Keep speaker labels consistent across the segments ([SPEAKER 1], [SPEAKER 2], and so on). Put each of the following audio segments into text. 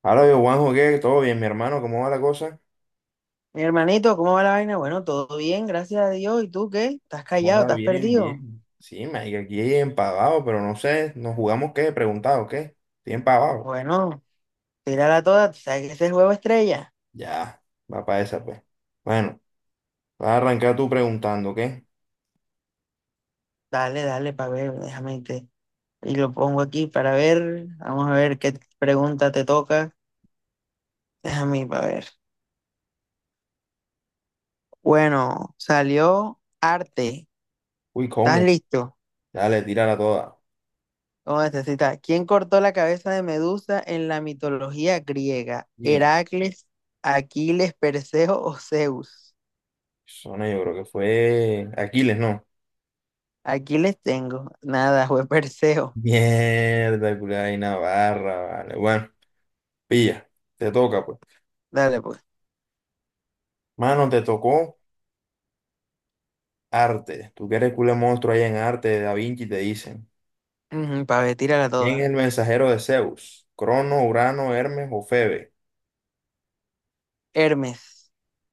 [SPEAKER 1] Hola, yo Juanjo, ¿qué? ¿Todo bien, mi hermano? ¿Cómo va la cosa?
[SPEAKER 2] Mi hermanito, ¿cómo va la vaina? Bueno, todo bien, gracias a Dios. ¿Y tú qué? ¿Estás callado?
[SPEAKER 1] Hola,
[SPEAKER 2] ¿Estás
[SPEAKER 1] bien,
[SPEAKER 2] perdido?
[SPEAKER 1] bien. Sí, marica, aquí empavado, pero no sé, ¿nos jugamos qué? ¿Preguntado qué? Estoy empavado.
[SPEAKER 2] Bueno, tírala toda. ¿Tú sabes que ese es juego estrella?
[SPEAKER 1] Ya, va para esa, pues. Bueno, vas a arrancar tú preguntando, ¿qué?
[SPEAKER 2] Dale, dale, para ver, déjame te... Y lo pongo aquí para ver. Vamos a ver qué pregunta te toca. Déjame para ver. Bueno, salió arte.
[SPEAKER 1] Uy,
[SPEAKER 2] ¿Estás
[SPEAKER 1] ¿cómo?
[SPEAKER 2] listo?
[SPEAKER 1] Dale, tírala toda.
[SPEAKER 2] ¿Cómo necesitas? ¿Quién cortó la cabeza de Medusa en la mitología griega?
[SPEAKER 1] Mierda,
[SPEAKER 2] ¿Heracles, Aquiles, Perseo o Zeus?
[SPEAKER 1] zona yo creo que fue Aquiles, ¿no?
[SPEAKER 2] Aquí les tengo. Nada, fue Perseo.
[SPEAKER 1] Mierda, culada y Navarra, vale. Bueno, pilla, te toca, pues.
[SPEAKER 2] Dale, pues.
[SPEAKER 1] Mano, te tocó arte. Tú que eres culé monstruo ahí en arte, Da Vinci, te dicen.
[SPEAKER 2] Para ver, tírala
[SPEAKER 1] ¿Quién es
[SPEAKER 2] toda.
[SPEAKER 1] el mensajero de Zeus? Crono, Urano, Hermes o Febe.
[SPEAKER 2] Hermes.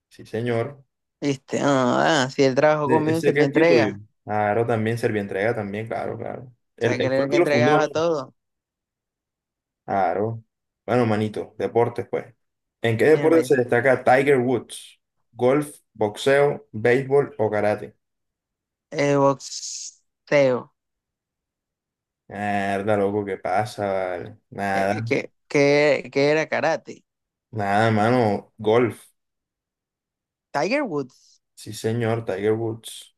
[SPEAKER 1] Sí, señor.
[SPEAKER 2] ¿Viste? Ah, ah, si él trabajó
[SPEAKER 1] ¿Ese
[SPEAKER 2] conmigo,
[SPEAKER 1] ese
[SPEAKER 2] se
[SPEAKER 1] qué
[SPEAKER 2] lo
[SPEAKER 1] es tío tuyo?
[SPEAKER 2] entrega.
[SPEAKER 1] Claro, también Servientrega, también, claro, claro.
[SPEAKER 2] O
[SPEAKER 1] Él,
[SPEAKER 2] sea, que
[SPEAKER 1] él
[SPEAKER 2] era
[SPEAKER 1] fue
[SPEAKER 2] el
[SPEAKER 1] el que
[SPEAKER 2] que
[SPEAKER 1] lo fundó, ¿no?
[SPEAKER 2] entregaba todo.
[SPEAKER 1] Claro. Bueno, manito, deportes, pues. ¿En qué deporte
[SPEAKER 2] Mierda.
[SPEAKER 1] se destaca Tiger Woods? ¿Golf, boxeo, béisbol o karate?
[SPEAKER 2] Boxeo.
[SPEAKER 1] Mierda, loco, ¿qué pasa, vale?
[SPEAKER 2] Eh,
[SPEAKER 1] Nada,
[SPEAKER 2] que, que, que era karate.
[SPEAKER 1] nada, mano. Golf.
[SPEAKER 2] Tiger Woods.
[SPEAKER 1] Sí, señor, Tiger Woods.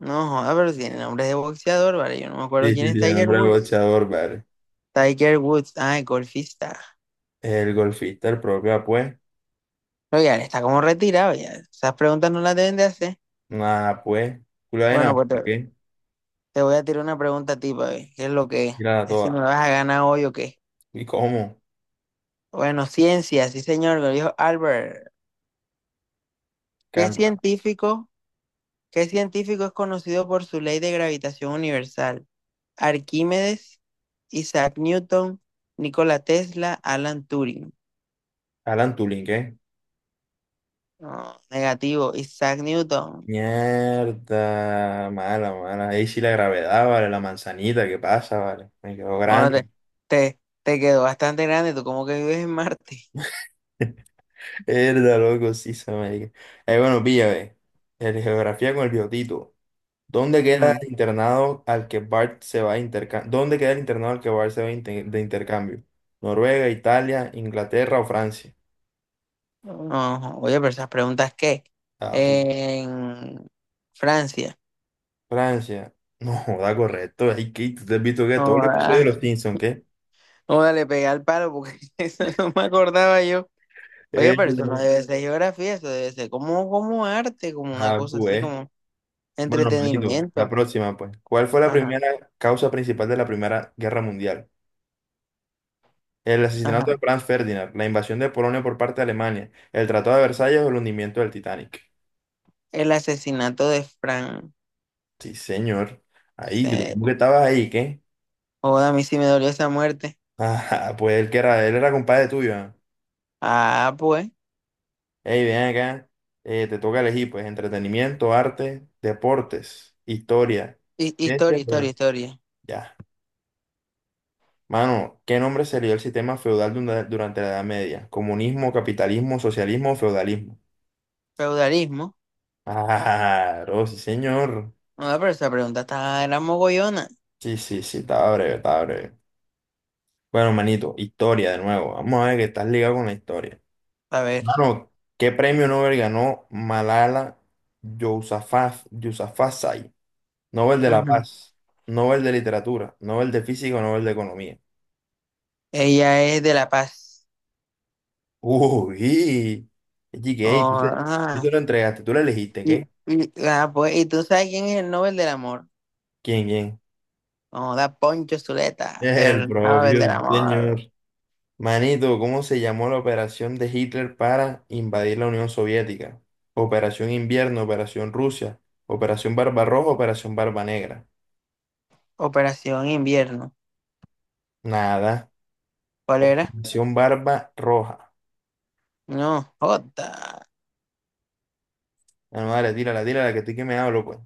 [SPEAKER 2] No, joda, pero tiene nombre de boxeador, ¿vale? Yo no me acuerdo
[SPEAKER 1] Sí,
[SPEAKER 2] quién
[SPEAKER 1] sí,
[SPEAKER 2] es
[SPEAKER 1] sí, el
[SPEAKER 2] Tiger
[SPEAKER 1] hombre
[SPEAKER 2] Woods.
[SPEAKER 1] boxeador, vale.
[SPEAKER 2] Tiger Woods. Ah, el golfista.
[SPEAKER 1] El golfista, el propio, pues.
[SPEAKER 2] Pero ya, está como retirado ya. Esas preguntas no las deben de hacer.
[SPEAKER 1] Nada, pues, culo de
[SPEAKER 2] Bueno,
[SPEAKER 1] Dinamarca,
[SPEAKER 2] pues
[SPEAKER 1] ¿qué?
[SPEAKER 2] te voy a tirar una pregunta a ti, para ver qué es lo que es.
[SPEAKER 1] Mírala
[SPEAKER 2] Es si me
[SPEAKER 1] toda.
[SPEAKER 2] vas a ganar hoy o qué.
[SPEAKER 1] ¿Y cómo?
[SPEAKER 2] Bueno, ciencia, sí señor, lo dijo Albert. ¿Qué
[SPEAKER 1] Canta.
[SPEAKER 2] científico, qué científico es conocido por su ley de gravitación universal? Arquímedes, Isaac Newton, Nikola Tesla, Alan Turing.
[SPEAKER 1] Alan Turing, ¿qué?
[SPEAKER 2] No, negativo, Isaac Newton.
[SPEAKER 1] Mierda, mala, mala. Ahí sí la gravedad, vale, la manzanita, ¿qué pasa, vale? Me quedó
[SPEAKER 2] No,
[SPEAKER 1] grande.
[SPEAKER 2] te, te, te quedó bastante grande, tú como que vives en Marte.
[SPEAKER 1] Mierda, loco, sí, se me diga. Bueno, pilla, ve. El geografía con el biotito. ¿Dónde queda
[SPEAKER 2] Ujú.
[SPEAKER 1] el internado al que Bart se va a intercambio? ¿Dónde queda el internado al que Bart se va a de intercambio? ¿Noruega, Italia, Inglaterra o Francia?
[SPEAKER 2] No, oye, pero esas preguntas, ¿qué?
[SPEAKER 1] Ah, puta.
[SPEAKER 2] En Francia.
[SPEAKER 1] Francia. No, joda, correcto. Ay, ¿qué? ¿Tú te has visto que
[SPEAKER 2] No,
[SPEAKER 1] todo el episodio de
[SPEAKER 2] ah,
[SPEAKER 1] los Simpsons, qué?
[SPEAKER 2] no, dale, pegué al palo porque eso no me acordaba yo. Oye,
[SPEAKER 1] Eh,
[SPEAKER 2] pero eso no debe ser geografía, eso debe ser como, como arte, como una
[SPEAKER 1] ah,
[SPEAKER 2] cosa así,
[SPEAKER 1] pues.
[SPEAKER 2] como
[SPEAKER 1] Bueno, manito, la
[SPEAKER 2] entretenimiento.
[SPEAKER 1] próxima, pues. ¿Cuál fue la
[SPEAKER 2] Ajá,
[SPEAKER 1] primera causa principal de la Primera Guerra Mundial? El asesinato de
[SPEAKER 2] ajá.
[SPEAKER 1] Franz Ferdinand, la invasión de Polonia por parte de Alemania, el Tratado de Versalles o el hundimiento del Titanic.
[SPEAKER 2] El asesinato de Frank.
[SPEAKER 1] Sí, señor. Ahí,
[SPEAKER 2] Se...
[SPEAKER 1] ¿cómo que estabas ahí, qué?
[SPEAKER 2] Joda, a mí sí me dolió esa muerte.
[SPEAKER 1] Ah, pues él era compadre tuyo, ¿ah?
[SPEAKER 2] Ah, pues.
[SPEAKER 1] Hey, ven acá, te toca elegir, pues, entretenimiento, arte, deportes, historia,
[SPEAKER 2] Hi-
[SPEAKER 1] ciencia,
[SPEAKER 2] Historia, historia,
[SPEAKER 1] pero
[SPEAKER 2] historia.
[SPEAKER 1] ya. Mano, ¿qué nombre se le dio al sistema feudal durante la Edad Media? ¿Comunismo, capitalismo, socialismo o feudalismo?
[SPEAKER 2] Feudalismo.
[SPEAKER 1] Ah, oh, sí, señor.
[SPEAKER 2] No, pero esa pregunta está, era mogollona.
[SPEAKER 1] Sí, sí, sí, estaba breve, estaba breve. Bueno, manito, historia de nuevo. Vamos a ver que estás ligado con la historia.
[SPEAKER 2] A ver.
[SPEAKER 1] Mano, ¿qué premio Nobel ganó Malala Yousafzai? Nobel de la
[SPEAKER 2] Ujú.
[SPEAKER 1] Paz, Nobel de Literatura, Nobel de Física, Nobel de Economía.
[SPEAKER 2] Ella es de La Paz.
[SPEAKER 1] Uy, GK,
[SPEAKER 2] Oh,
[SPEAKER 1] tú se
[SPEAKER 2] ah.
[SPEAKER 1] lo entregaste, tú lo elegiste,
[SPEAKER 2] Y,
[SPEAKER 1] ¿qué?
[SPEAKER 2] y- ah, pues, ¿y tú sabes quién es el Nobel del Amor?
[SPEAKER 1] ¿Quién?
[SPEAKER 2] No, da Poncho Zuleta,
[SPEAKER 1] El
[SPEAKER 2] el Nobel
[SPEAKER 1] propio
[SPEAKER 2] del
[SPEAKER 1] señor.
[SPEAKER 2] Amor.
[SPEAKER 1] Manito, ¿cómo se llamó la operación de Hitler para invadir la Unión Soviética? Operación Invierno, Operación Rusia, Operación Barbarroja, Operación Barba Negra.
[SPEAKER 2] Operación Invierno.
[SPEAKER 1] Nada.
[SPEAKER 2] ¿Cuál era?
[SPEAKER 1] Operación Barba Roja.
[SPEAKER 2] No, Jota.
[SPEAKER 1] Ah, no, dale, tírala, tírala, que estoy que me hablo, pues.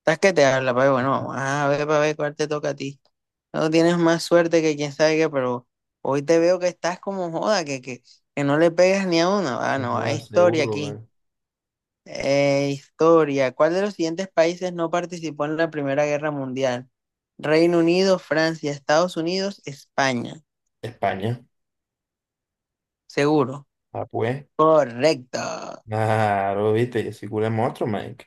[SPEAKER 2] ¿Estás que te habla, pero bueno, vamos a ver para ver cuál te toca a ti. No tienes más suerte que quién sabe qué, pero hoy te veo que estás como joda, que no le pegas ni a uno. Ah,
[SPEAKER 1] No
[SPEAKER 2] no, hay
[SPEAKER 1] jodas,
[SPEAKER 2] historia
[SPEAKER 1] seguro, güey.
[SPEAKER 2] aquí. Historia. ¿Cuál de los siguientes países no participó en la Primera Guerra Mundial? Reino Unido, Francia, Estados Unidos, España.
[SPEAKER 1] España.
[SPEAKER 2] Seguro.
[SPEAKER 1] Ah, pues.
[SPEAKER 2] Correcto.
[SPEAKER 1] Claro, viste, yo soy culo de monstruo, Mike.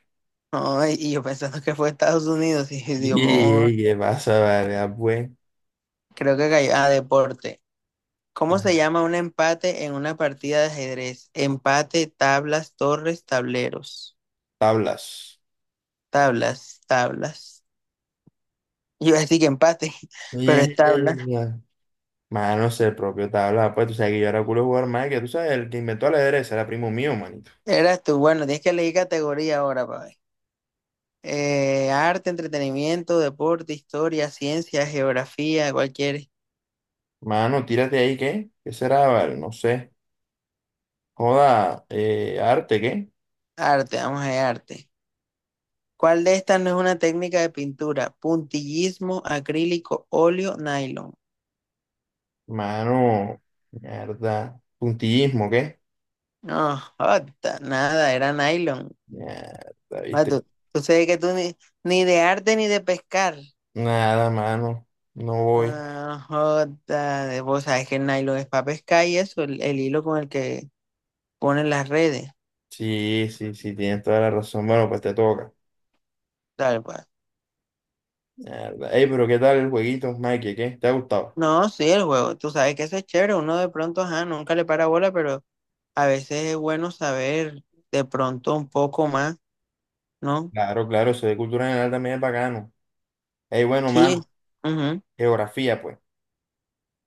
[SPEAKER 2] Ay, y yo pensando que fue Estados Unidos y digo, "Oh,
[SPEAKER 1] Y qué pasa, vale, ah, pues.
[SPEAKER 2] creo que cayó". Ah, deporte. ¿Cómo se
[SPEAKER 1] Ah,
[SPEAKER 2] llama un empate en una partida de ajedrez? Empate, tablas, torres, tableros.
[SPEAKER 1] tablas.
[SPEAKER 2] Tablas, tablas. Yo iba a decir que empate, pero es
[SPEAKER 1] Oye,
[SPEAKER 2] tabla.
[SPEAKER 1] mano, es el propio tabla, pues tú sabes que yo era culo de jugar, Mike, que tú sabes, el que inventó el ajedrez era primo mío, manito.
[SPEAKER 2] Eras tú. Bueno, tienes que elegir categoría ahora, para ver. Arte, entretenimiento, deporte, historia, ciencia, geografía, cualquier
[SPEAKER 1] Mano, tírate ahí, ¿qué? ¿Qué será, vale? No sé. Joda, arte, ¿qué?
[SPEAKER 2] arte. Vamos a ver, arte. ¿Cuál de estas no es una técnica de pintura? Puntillismo, acrílico, óleo, nylon.
[SPEAKER 1] Mano, mierda. Puntillismo, ¿qué?
[SPEAKER 2] No, jota, nada, era nylon.
[SPEAKER 1] Mierda,
[SPEAKER 2] Ah,
[SPEAKER 1] viste.
[SPEAKER 2] tú, tú sabes que tú ni de arte ni de pescar.
[SPEAKER 1] Nada, mano, no voy.
[SPEAKER 2] Ah, jota, de- vos sabes que el nylon es para pescar y eso, el hilo con el que ponen las redes,
[SPEAKER 1] Sí, sí, sí, tienes toda la razón. Bueno, pues te toca.
[SPEAKER 2] tal cual.
[SPEAKER 1] Mierda. Ey, pero ¿qué tal el jueguito, Mikey? ¿Qué? ¿Te ha gustado?
[SPEAKER 2] No, sí, el juego, tú sabes que eso es chévere, uno de pronto, ajá, nunca le para bola, pero a veces es bueno saber de pronto un poco más, ¿no?
[SPEAKER 1] Claro, claro, eso de cultura general también es bacano. Ey, bueno,
[SPEAKER 2] Sí,
[SPEAKER 1] mano,
[SPEAKER 2] ujú,
[SPEAKER 1] geografía, pues.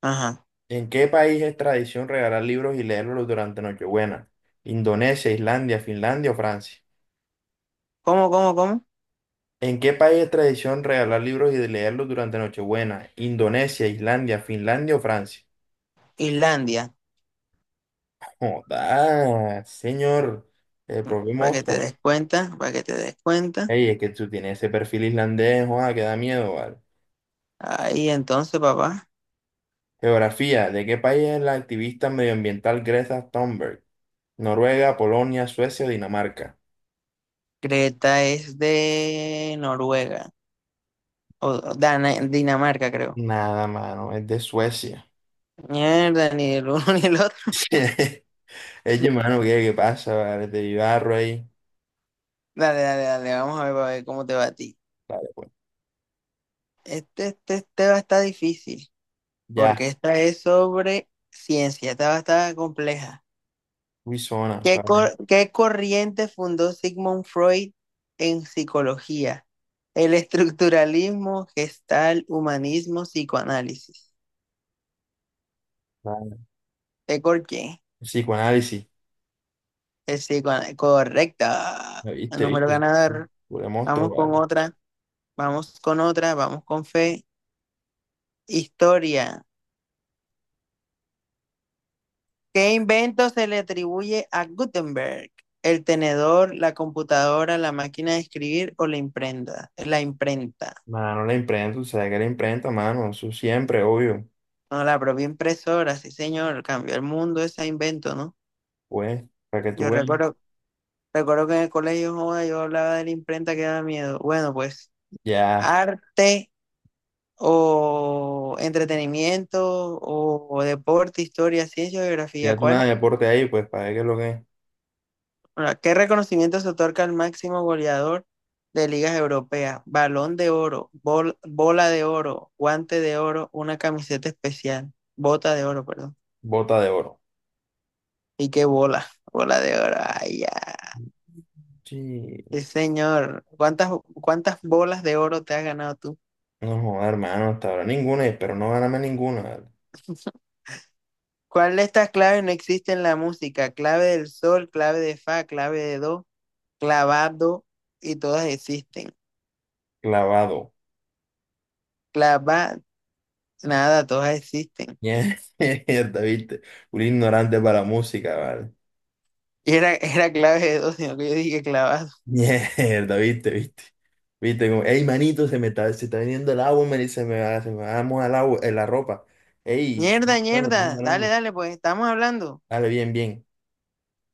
[SPEAKER 2] ajá.
[SPEAKER 1] ¿En qué país es tradición regalar libros y leerlos durante Nochebuena? ¿Indonesia, Islandia, Finlandia o Francia?
[SPEAKER 2] ¿Cómo?
[SPEAKER 1] ¿En qué país es tradición regalar libros y leerlos durante Nochebuena? ¿Indonesia, Islandia, Finlandia o Francia?
[SPEAKER 2] Islandia.
[SPEAKER 1] Joda, señor, el propio
[SPEAKER 2] Mm, para que te
[SPEAKER 1] monstruo.
[SPEAKER 2] des cuenta, para que te des cuenta.
[SPEAKER 1] Ey, es que tú tienes ese perfil islandés, joda, que da miedo, ¿vale?
[SPEAKER 2] Ahí entonces, papá.
[SPEAKER 1] Geografía. ¿De qué país es la activista medioambiental Greta Thunberg? Noruega, Polonia, Suecia o Dinamarca.
[SPEAKER 2] Creta es de Noruega. O Dinamarca, creo.
[SPEAKER 1] Nada, mano, es de Suecia.
[SPEAKER 2] Mierda, ni el uno ni el otro.
[SPEAKER 1] Es mano, ¿qué pasa? Vale, te ayudarro ahí.
[SPEAKER 2] Dale, dale, dale. Vamos a ver cómo te va a ti.
[SPEAKER 1] Vale, pues.
[SPEAKER 2] Este va a estar difícil.
[SPEAKER 1] Ya,
[SPEAKER 2] Porque esta es sobre ciencia. Esta va a estar compleja.
[SPEAKER 1] uy, zona,
[SPEAKER 2] ¿Qué,
[SPEAKER 1] vale.
[SPEAKER 2] cor- qué corriente fundó Sigmund Freud en psicología? El estructuralismo, gestal, humanismo, psicoanálisis.
[SPEAKER 1] Vale.
[SPEAKER 2] ¿Qué cor- quién?
[SPEAKER 1] Psicoanálisis.
[SPEAKER 2] El psicoanálisis. Correcta.
[SPEAKER 1] ¿Lo ¿Viste,
[SPEAKER 2] Número
[SPEAKER 1] viste?
[SPEAKER 2] ganador.
[SPEAKER 1] Pure
[SPEAKER 2] Vamos
[SPEAKER 1] monstruo,
[SPEAKER 2] con
[SPEAKER 1] vale.
[SPEAKER 2] otra. Vamos con otra. Vamos con fe. Historia. ¿Qué invento se le atribuye a Gutenberg? El tenedor, la computadora, la máquina de escribir o la imprenta. La imprenta.
[SPEAKER 1] Mano, la imprenta, o sea, que la imprenta, mano, eso siempre, obvio.
[SPEAKER 2] No, la propia impresora, sí, señor, cambió el mundo ese invento, ¿no?
[SPEAKER 1] Pues, para que tú
[SPEAKER 2] Yo
[SPEAKER 1] veas.
[SPEAKER 2] recuerdo, Recuerdo que en el colegio, joda, yo hablaba de la imprenta que daba miedo. Bueno, pues
[SPEAKER 1] Ya,
[SPEAKER 2] arte o entretenimiento o deporte, historia, ciencia, geografía,
[SPEAKER 1] ya tú nada
[SPEAKER 2] ¿cuál?
[SPEAKER 1] de deporte ahí, pues, para ver qué es lo que es.
[SPEAKER 2] Ahora, ¿qué reconocimiento se otorga al máximo goleador de ligas europeas? Balón de oro, bola de oro, guante de oro, una camiseta especial, bota de oro, perdón.
[SPEAKER 1] Bota de oro.
[SPEAKER 2] ¿Y qué bola? Bola de oro, ay,
[SPEAKER 1] Sí.
[SPEAKER 2] sí, señor. ¿Cuántas bolas de oro te has ganado tú?
[SPEAKER 1] No, joda, hermano, hasta ahora ninguna, y espero no ganarme ninguna.
[SPEAKER 2] ¿Cuál de estas claves no existe en la música? Clave del sol, clave de fa, clave de do, clavado, y todas existen.
[SPEAKER 1] Clavado.
[SPEAKER 2] Clava, nada, todas existen.
[SPEAKER 1] Mierda, viste. Un ignorante para la música, vale.
[SPEAKER 2] Y era, era clave de do, sino que yo dije clavado.
[SPEAKER 1] Mierda, viste, viste. Viste, como, ey, manito, se está viniendo el agua, me dice, se me va a mojar el agua, la ropa. Ey,
[SPEAKER 2] Mierda,
[SPEAKER 1] estamos hablando, estamos
[SPEAKER 2] mierda. Dale,
[SPEAKER 1] hablando.
[SPEAKER 2] dale, pues estamos hablando.
[SPEAKER 1] Dale, bien, bien.